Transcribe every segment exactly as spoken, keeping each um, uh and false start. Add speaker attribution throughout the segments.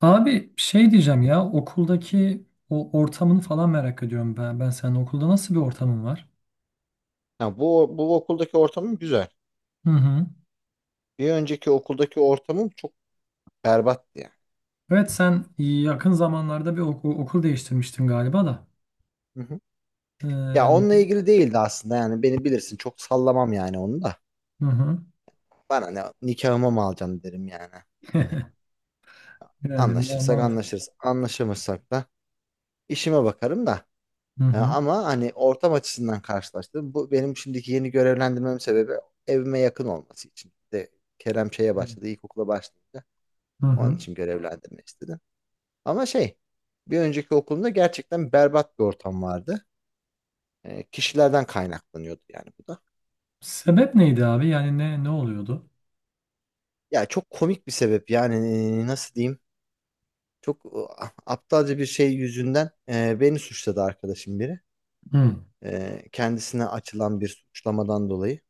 Speaker 1: Abi şey diyeceğim ya, okuldaki o ortamını falan merak ediyorum ben. Ben senin okulda nasıl bir ortamın var?
Speaker 2: Ha, bu, bu okuldaki ortamım güzel.
Speaker 1: Hı hı.
Speaker 2: Bir önceki okuldaki ortamım çok berbattı yani.
Speaker 1: Evet, sen yakın zamanlarda bir oku- okul değiştirmiştin galiba da.
Speaker 2: Hı hı. Ya
Speaker 1: Ee,
Speaker 2: onunla ilgili değildi aslında, yani beni bilirsin, çok sallamam yani onu da.
Speaker 1: hı hı.
Speaker 2: Bana ne, nikahıma mı alacaksın derim yani. Hani
Speaker 1: Yani ma-
Speaker 2: anlaşırsak
Speaker 1: mantık.
Speaker 2: anlaşırız, anlaşamazsak da işime bakarım da.
Speaker 1: Hı
Speaker 2: E,
Speaker 1: hı.
Speaker 2: ama hani ortam açısından karşılaştım. Bu benim şimdiki yeni görevlendirmem sebebi, evime yakın olması için. Bir de Kerem şeye başladı, ilkokula başlayınca
Speaker 1: Hı
Speaker 2: onun
Speaker 1: hı.
Speaker 2: için görevlendirme istedim. Ama şey, bir önceki okulumda gerçekten berbat bir ortam vardı. E, kişilerden kaynaklanıyordu yani bu da.
Speaker 1: Sebep neydi abi? Yani ne ne oluyordu?
Speaker 2: Ya çok komik bir sebep yani, e, nasıl diyeyim? Çok e, aptalca bir şey yüzünden e, beni suçladı arkadaşım biri.
Speaker 1: Hı
Speaker 2: E, kendisine açılan bir suçlamadan dolayı.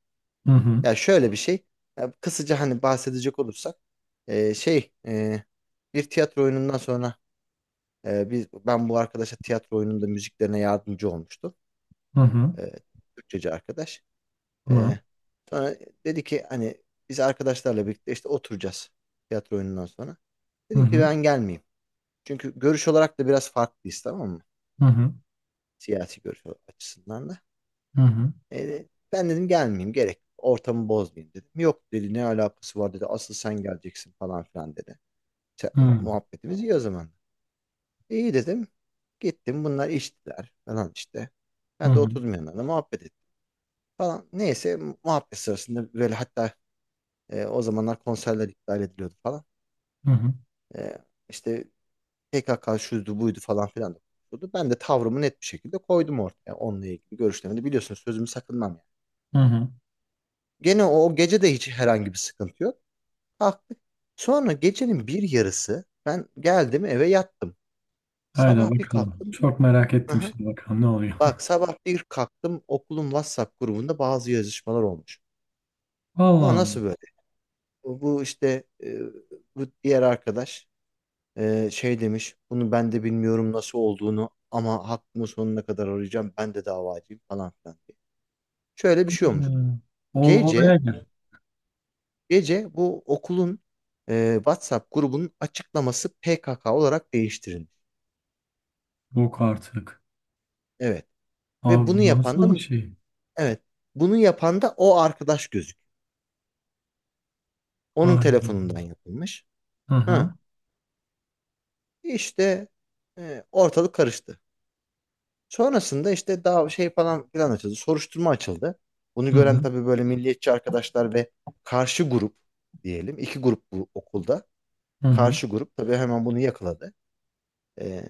Speaker 1: hı hı
Speaker 2: Ya şöyle bir şey. Ya kısaca hani bahsedecek olursak e, şey e, bir tiyatro oyunundan sonra, e, biz ben bu arkadaşa tiyatro oyununda müziklerine yardımcı olmuştum.
Speaker 1: hı hı
Speaker 2: E, Türkçeci arkadaş.
Speaker 1: hı
Speaker 2: Ee, Sonra dedi ki, hani biz arkadaşlarla birlikte işte oturacağız tiyatro oyunundan sonra.
Speaker 1: hı hı
Speaker 2: Dedim ki
Speaker 1: hı
Speaker 2: ben gelmeyeyim. Çünkü görüş olarak da biraz farklıyız, tamam mı?
Speaker 1: hı hı
Speaker 2: Siyasi görüş açısından da.
Speaker 1: hı
Speaker 2: Ee, Ben dedim gelmeyeyim, gerek yok. Ortamı bozmayayım dedim. Yok dedi, ne alakası var dedi. Asıl sen geleceksin falan filan dedi. Se- muhabbetimiz iyi o zaman. E, İyi dedim. Gittim, bunlar içtiler falan işte. Ben de
Speaker 1: hı
Speaker 2: oturdum yanlarına, muhabbet ettim falan. Neyse, muhabbet sırasında böyle, hatta, E, o zamanlar konserler iptal ediliyordu falan.
Speaker 1: hı
Speaker 2: E, işte P K K şuydu buydu falan filan da konuşuldu. Ben de tavrımı net bir şekilde koydum ortaya, onunla ilgili görüşlerimi de biliyorsunuz, sözümü sakınmam yani.
Speaker 1: hı hı.
Speaker 2: Gene o, o gece de hiç herhangi bir sıkıntı yok. Kalktık. Sonra gecenin bir yarısı ben geldim eve yattım.
Speaker 1: Haydi
Speaker 2: Sabah bir
Speaker 1: bakalım.
Speaker 2: kalktım.
Speaker 1: Çok merak ettim
Speaker 2: Aha.
Speaker 1: şimdi, bakalım ne oluyor.
Speaker 2: Bak, sabah bir kalktım, okulun WhatsApp grubunda bazı yazışmalar olmuş.
Speaker 1: Allah
Speaker 2: Ama nasıl
Speaker 1: Allah.
Speaker 2: böyle? Bu bu işte e, bu diğer arkadaş, Ee, şey demiş, bunu ben de bilmiyorum nasıl olduğunu ama hakkımı sonuna kadar arayacağım, ben de davacıyım falan filan diye. Şöyle bir şey olmuş.
Speaker 1: Hmm. Ol,
Speaker 2: Gece,
Speaker 1: olaya gel.
Speaker 2: gece bu okulun e, WhatsApp grubunun açıklaması P K K olarak değiştirilmiş.
Speaker 1: Yok artık.
Speaker 2: Evet. Ve bunu
Speaker 1: Abi bu
Speaker 2: yapan
Speaker 1: nasıl bir
Speaker 2: da,
Speaker 1: şey?
Speaker 2: evet, bunu yapan da o arkadaş gözük. Onun
Speaker 1: Hayır.
Speaker 2: telefonundan yapılmış.
Speaker 1: Hı
Speaker 2: Ha.
Speaker 1: hı.
Speaker 2: İşte e, ortalık karıştı. Sonrasında işte daha şey falan filan açıldı. Soruşturma açıldı. Bunu
Speaker 1: Hı
Speaker 2: gören
Speaker 1: hı.
Speaker 2: tabii böyle milliyetçi arkadaşlar ve karşı grup diyelim, iki grup bu okulda.
Speaker 1: Hı hı.
Speaker 2: Karşı grup tabii hemen bunu yakaladı. Ee,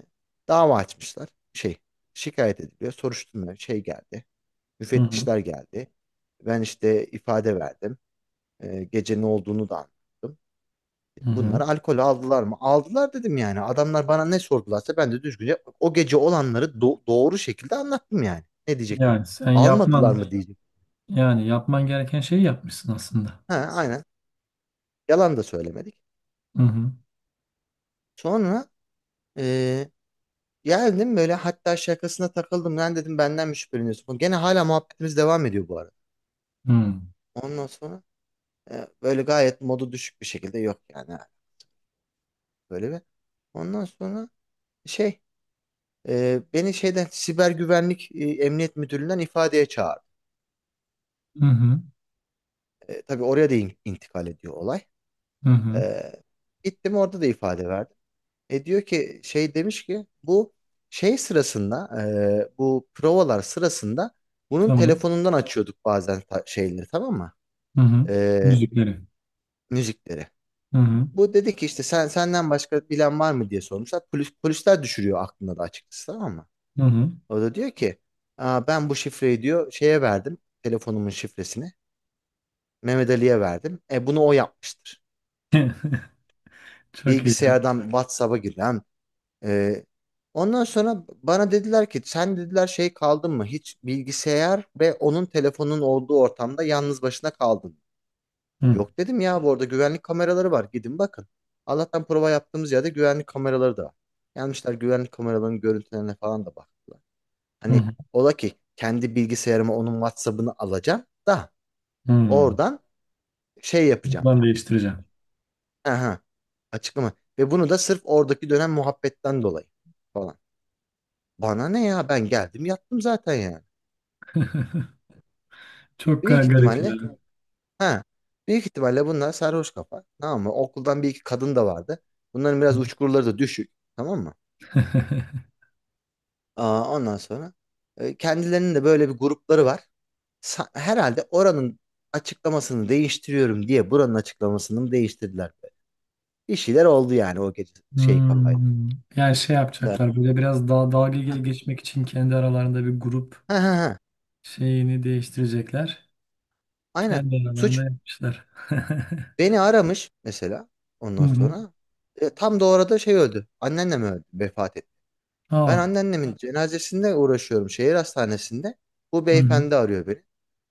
Speaker 2: Dava açmışlar. Şey, şikayet ediliyor. Soruşturma şey geldi.
Speaker 1: Hı hı.
Speaker 2: Müfettişler geldi. Ben işte ifade verdim. Ee, gece ne olduğunu da anlattım.
Speaker 1: Hı hı.
Speaker 2: Bunlar alkol aldılar mı? Aldılar dedim yani. Adamlar bana ne sordularsa ben de düzgünce o gece olanları do- doğru şekilde anlattım yani. Ne diyecektim?
Speaker 1: Yani sen
Speaker 2: Almadılar mı
Speaker 1: yapman
Speaker 2: diyecektim.
Speaker 1: yani yapman gereken şeyi yapmışsın aslında.
Speaker 2: Ha, aynen. Yalan da söylemedik.
Speaker 1: Hı hı.
Speaker 2: Sonra e, geldim böyle, hatta şakasına takıldım. Lan dedim, benden mi şüpheleniyorsun? Gene hala muhabbetimiz devam ediyor bu arada.
Speaker 1: Hı hı.
Speaker 2: Ondan sonra e, böyle gayet modu düşük bir şekilde, yok yani. Böyle bir. Ondan sonra şey, e, beni şeyden, siber güvenlik, e, emniyet müdürlüğünden ifadeye çağırdı.
Speaker 1: Hı
Speaker 2: E, tabii oraya da in- intikal ediyor olay.
Speaker 1: hı. Hı.
Speaker 2: E, Gittim, orada da ifade verdim. E diyor ki, şey demiş ki, bu şey sırasında, e, bu provalar sırasında bunun
Speaker 1: Tamam.
Speaker 2: telefonundan açıyorduk bazen ta- şeyleri, tamam mı?
Speaker 1: Hı hı.
Speaker 2: E,
Speaker 1: Müzikleri.
Speaker 2: Müzikleri.
Speaker 1: Hı hı.
Speaker 2: Bu dedi ki işte, sen, senden başka bilen var mı diye sormuşlar. Polis, polisler düşürüyor aklında da, açıkçası tamam mı?
Speaker 1: Hı hı.
Speaker 2: O da diyor ki, aa, ben bu şifreyi diyor şeye verdim, telefonumun şifresini Mehmet Ali'ye verdim. E bunu o yapmıştır.
Speaker 1: Çok iyi.
Speaker 2: Bilgisayardan WhatsApp'a giren. e, Ondan sonra bana dediler ki, sen dediler şey kaldın mı? Hiç bilgisayar ve onun telefonun olduğu ortamda yalnız başına kaldın mı?
Speaker 1: Hı
Speaker 2: Yok dedim ya, bu arada güvenlik kameraları var. Gidin bakın. Allah'tan prova yaptığımız yerde güvenlik kameraları da var. Gelmişler, güvenlik kameralarının görüntülerine falan da baktılar. Hani
Speaker 1: hı.
Speaker 2: ola ki kendi bilgisayarıma onun WhatsApp'ını alacağım da
Speaker 1: Hı.
Speaker 2: oradan şey yapacağım.
Speaker 1: Ben değiştireceğim.
Speaker 2: Aha, açıklama. Ve bunu da sırf oradaki dönem muhabbetten dolayı falan. Bana ne ya, ben geldim yattım zaten yani.
Speaker 1: Çok
Speaker 2: Büyük
Speaker 1: garip
Speaker 2: ihtimalle,
Speaker 1: yani.
Speaker 2: ha büyük ihtimalle bunlar sarhoş kafa, tamam mı? Okuldan bir iki kadın da vardı. Bunların biraz uçkurları da düşük, tamam mı? Aa, ondan sonra e, kendilerinin de böyle bir grupları var. Sa- herhalde oranın açıklamasını değiştiriyorum diye buranın açıklamasını mı değiştirdiler, böyle. Bir şeyler oldu yani o gece şey kafayla.
Speaker 1: Hmm. Yani şey
Speaker 2: Sarhoş.
Speaker 1: yapacaklar, böyle biraz daha dalga
Speaker 2: Ha,
Speaker 1: ge- geçmek için kendi aralarında bir grup
Speaker 2: ha, ha, ha.
Speaker 1: şeyini değiştirecekler.
Speaker 2: Aynen.
Speaker 1: Kendi aralarında
Speaker 2: Suç.
Speaker 1: yapmışlar.
Speaker 2: Beni aramış mesela
Speaker 1: Hı
Speaker 2: ondan
Speaker 1: hı.
Speaker 2: sonra. E, tam da orada şey öldü. Anneannem öldü, vefat etti. Ben
Speaker 1: Aa.
Speaker 2: anneannemin cenazesinde uğraşıyorum şehir hastanesinde. Bu
Speaker 1: Hı hı.
Speaker 2: beyefendi arıyor beni.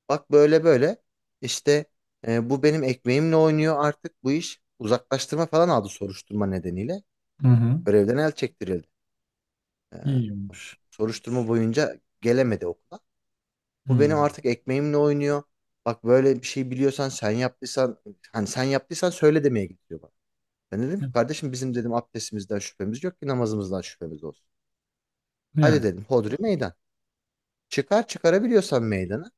Speaker 2: Bak böyle böyle işte, e, bu benim ekmeğimle oynuyor artık bu iş. Uzaklaştırma falan aldı soruşturma nedeniyle.
Speaker 1: Hı hı.
Speaker 2: Görevden el çektirildi. E,
Speaker 1: İyiymiş.
Speaker 2: Soruşturma boyunca gelemedi okula. Bu
Speaker 1: Hı.
Speaker 2: benim artık ekmeğimle oynuyor. Bak, böyle bir şey biliyorsan, sen yaptıysan, hani sen yaptıysan söyle demeye gidiyor bana. Ben dedim ki, kardeşim bizim dedim abdestimizden şüphemiz yok ki namazımızdan şüphemiz olsun. Hadi
Speaker 1: Ya
Speaker 2: dedim, hodri meydan. Çıkar, çıkarabiliyorsan meydana.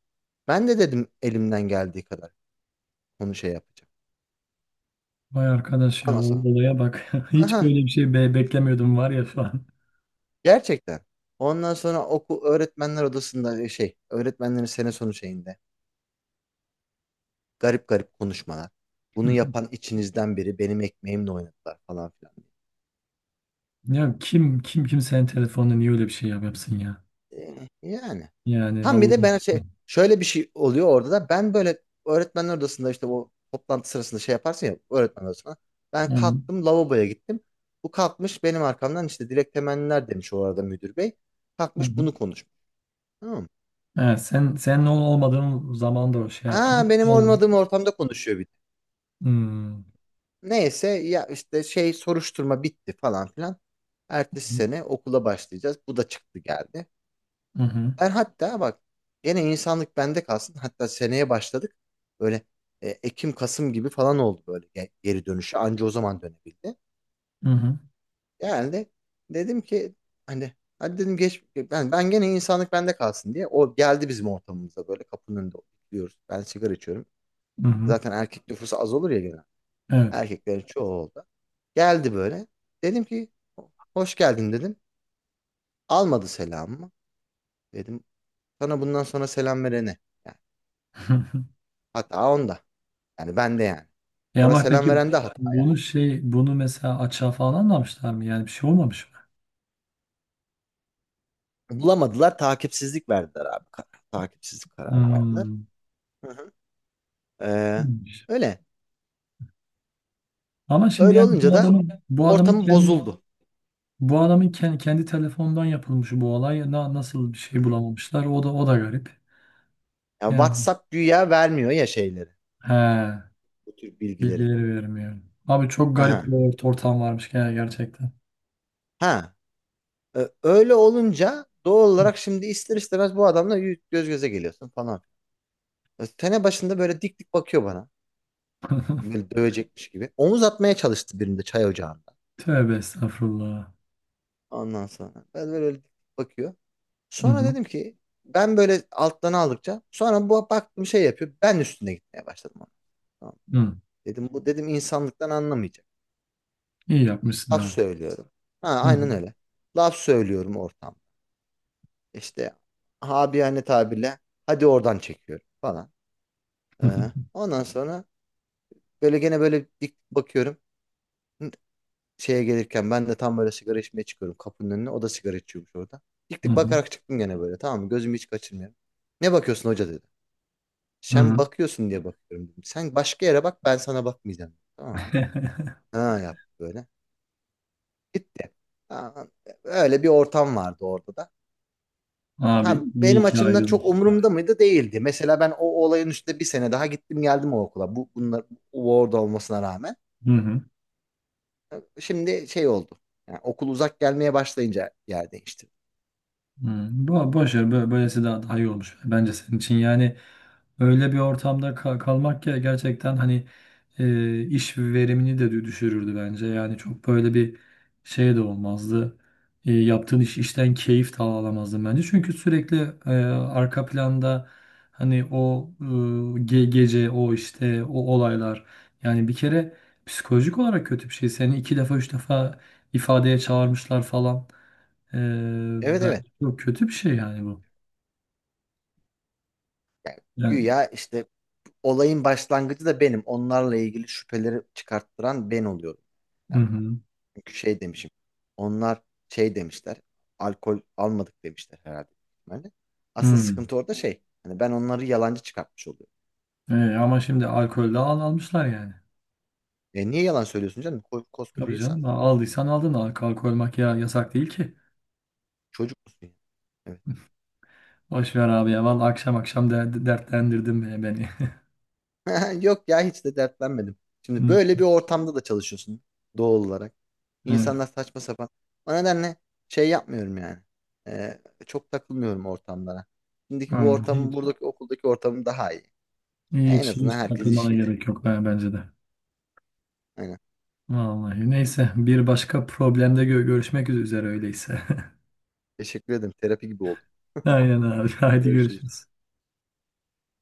Speaker 2: Ben de dedim, elimden geldiği kadar onu şey yapacağım.
Speaker 1: vay arkadaş ya, o
Speaker 2: Anasını.
Speaker 1: olaya bak. Hiç
Speaker 2: Aha,
Speaker 1: böyle bir şey be beklemiyordum var ya falan.
Speaker 2: gerçekten. Ondan sonra oku öğretmenler odasında, e, şey, öğretmenlerin sene sonu şeyinde garip garip konuşmalar. Bunu yapan içinizden biri benim ekmeğimle oynadılar falan filan.
Speaker 1: Ya kim kim kimsenin telefonunu niye öyle bir şey yap yapsın ya?
Speaker 2: E, Yani.
Speaker 1: Yani
Speaker 2: Tam bir de
Speaker 1: Allah
Speaker 2: ben şey,
Speaker 1: aşkına.
Speaker 2: şöyle bir şey oluyor orada da, ben böyle öğretmenler odasında işte bu toplantı sırasında şey yaparsın ya öğretmen odasına. Ben
Speaker 1: Hı hı.
Speaker 2: kalktım, lavaboya gittim. Bu kalkmış benim arkamdan işte dilek temenniler demiş, o arada müdür bey.
Speaker 1: Hı
Speaker 2: Kalkmış
Speaker 1: hı.
Speaker 2: bunu konuşmuş. Tamam mı?
Speaker 1: Evet, sen sen ne olmadığın zaman da o şey
Speaker 2: Ha,
Speaker 1: yapıyor.
Speaker 2: benim olmadığım ortamda konuşuyor bir de.
Speaker 1: Hmm.
Speaker 2: Neyse ya, işte şey, soruşturma bitti falan filan. Ertesi sene okula başlayacağız. Bu da çıktı geldi.
Speaker 1: Hı hı.
Speaker 2: Ben hatta, bak, gene insanlık bende kalsın. Hatta seneye başladık. Böyle e, Ekim Kasım gibi falan oldu böyle ge- geri dönüşü. Anca o zaman dönebildi.
Speaker 1: Hı hı.
Speaker 2: Yani de dedim ki, hani, hadi dedim geç, ben ben gene insanlık bende kalsın diye. O geldi bizim ortamımıza, böyle kapının önünde oturuyoruz. Ben sigara içiyorum.
Speaker 1: Hı hı.
Speaker 2: Zaten erkek nüfusu az olur ya genel.
Speaker 1: Evet.
Speaker 2: Erkeklerin çoğu oldu. Geldi böyle. Dedim ki, hoş geldin dedim. Almadı selamımı. Dedim, sana bundan sonra selam verene. Yani hata onda. Yani ben de yani.
Speaker 1: E
Speaker 2: Sana
Speaker 1: ama
Speaker 2: selam
Speaker 1: peki,
Speaker 2: veren de hata.
Speaker 1: bunu şey bunu mesela açığa falan anlamışlar mı? Yani bir şey olmamış mı?
Speaker 2: Bulamadılar. Takipsizlik verdiler abi. Kar- Takipsizlik kararı verdiler.
Speaker 1: Hmm.
Speaker 2: Hı hı. Ee,
Speaker 1: İyiymiş.
Speaker 2: Öyle.
Speaker 1: Ama şimdi
Speaker 2: Öyle
Speaker 1: yani
Speaker 2: olunca
Speaker 1: bu
Speaker 2: da
Speaker 1: adamın bu adamın
Speaker 2: ortamı
Speaker 1: kendi
Speaker 2: bozuldu.
Speaker 1: bu adamın kendi, kendi telefondan yapılmış bu olay. Na- nasıl bir
Speaker 2: Hı
Speaker 1: şey
Speaker 2: hı.
Speaker 1: bulamamışlar? O da o da garip.
Speaker 2: Yani
Speaker 1: Yani
Speaker 2: WhatsApp güya vermiyor ya şeyleri.
Speaker 1: he,
Speaker 2: Bu tür bilgileri.
Speaker 1: bilgileri vermiyor. Abi çok garip
Speaker 2: Aha.
Speaker 1: bir ort- ortam varmış yani, gerçekten.
Speaker 2: Ha. Ee, öyle olunca doğal olarak şimdi ister istemez bu adamla yü- göz göze geliyorsun falan. Tene başında böyle dik dik bakıyor bana. Böyle dövecekmiş gibi. Omuz atmaya çalıştı birinde çay ocağında.
Speaker 1: Tövbe estağfurullah.
Speaker 2: Ondan sonra. Ben böyle dik dik bakıyor.
Speaker 1: Hı
Speaker 2: Sonra
Speaker 1: hı.
Speaker 2: dedim ki, ben böyle alttan aldıkça sonra bu bak bir şey yapıyor. Ben üstüne gitmeye başladım ona. Tamam.
Speaker 1: Hı.
Speaker 2: Dedim bu dedim insanlıktan anlamayacak.
Speaker 1: İyi yapmışsın
Speaker 2: Laf
Speaker 1: abi.
Speaker 2: söylüyorum. Ha,
Speaker 1: Hı hı.
Speaker 2: aynen öyle. Laf söylüyorum ortamda. İşte, habiyane tabirle, hadi oradan çekiyorum falan.
Speaker 1: Hı hı.
Speaker 2: Ee, ondan sonra böyle gene böyle dik bakıyorum. Şeye gelirken ben de tam böyle sigara içmeye çıkıyorum kapının önüne. O da sigara içiyormuş orada. Dik
Speaker 1: Hı
Speaker 2: dik
Speaker 1: hı.
Speaker 2: bakarak çıktım gene böyle, tamam mı? Gözümü hiç kaçırmıyorum. Ne bakıyorsun hoca dedi.
Speaker 1: Hı
Speaker 2: Sen
Speaker 1: hı.
Speaker 2: bakıyorsun diye bakıyorum dedim. Sen başka yere bak, ben sana bakmayacağım. Tamam mı? Ha, yaptı böyle. Gitti. Ha, öyle bir ortam vardı orada da.
Speaker 1: Abi
Speaker 2: Ha,
Speaker 1: iyi
Speaker 2: benim
Speaker 1: ki
Speaker 2: açımdan çok
Speaker 1: ayrılmışsın.
Speaker 2: umurumda mıydı? Değildi. Mesela ben o olayın üstüne bir sene daha gittim geldim o okula. Bu, bunlar bu orada olmasına rağmen.
Speaker 1: Hı hı.
Speaker 2: Şimdi şey oldu. Yani okul uzak gelmeye başlayınca yer değişti.
Speaker 1: Hmm, bo boş ver, bö- böylesi daha, daha iyi olmuş bence senin için yani. Öyle bir ortamda ka- kalmak ya, gerçekten hani, e, iş verimini de dü- düşürürdü bence. Yani çok böyle bir şey de olmazdı. E, yaptığın iş, işten keyif de alamazdın bence, çünkü sürekli e, arka planda, hani o e, ge- gece o, işte o olaylar, yani bir kere psikolojik olarak kötü bir şey. Seni iki defa, üç defa ifadeye çağırmışlar falan. Ee,
Speaker 2: Evet, evet.
Speaker 1: Yok, kötü bir şey yani bu.
Speaker 2: Yani
Speaker 1: Yani
Speaker 2: güya işte olayın başlangıcı da benim. Onlarla ilgili şüpheleri çıkarttıran ben oluyorum.
Speaker 1: hı hı.
Speaker 2: Çünkü şey demişim. Onlar şey demişler. Alkol almadık demişler herhalde. Yani asıl
Speaker 1: Hı.
Speaker 2: sıkıntı orada şey. Hani ben onları yalancı çıkartmış oluyorum.
Speaker 1: E ama şimdi alkolde al almışlar yani.
Speaker 2: E niye yalan söylüyorsun canım? Ko- Koskoca
Speaker 1: Tabii
Speaker 2: insan.
Speaker 1: canım, al- aldıysan aldın. Al- Alkol makya yasak değil ki.
Speaker 2: Çocuk musun ya? Evet.
Speaker 1: Boş ver abi ya. Vallahi akşam akşam de, dertlendirdin be beni.
Speaker 2: Yok ya, hiç de dertlenmedim. Şimdi
Speaker 1: Hı.
Speaker 2: böyle bir ortamda da çalışıyorsun doğal olarak.
Speaker 1: Evet.
Speaker 2: İnsanlar saçma sapan. O nedenle şey yapmıyorum yani. E, Çok takılmıyorum ortamlara. Şimdiki bu
Speaker 1: Aynen.
Speaker 2: ortamın,
Speaker 1: Hiç.
Speaker 2: buradaki okuldaki ortamım daha iyi. E, En
Speaker 1: Hiç
Speaker 2: azından
Speaker 1: hiç
Speaker 2: herkes
Speaker 1: takılmana
Speaker 2: işiyle.
Speaker 1: gerek yok, ben bence de.
Speaker 2: Aynen.
Speaker 1: Vallahi neyse, bir başka problemde gö- görüşmek üzere öyleyse.
Speaker 2: Teşekkür ederim. Terapi gibi oldu.
Speaker 1: Aynen abi. Haydi
Speaker 2: Görüşürüz.
Speaker 1: görüşürüz.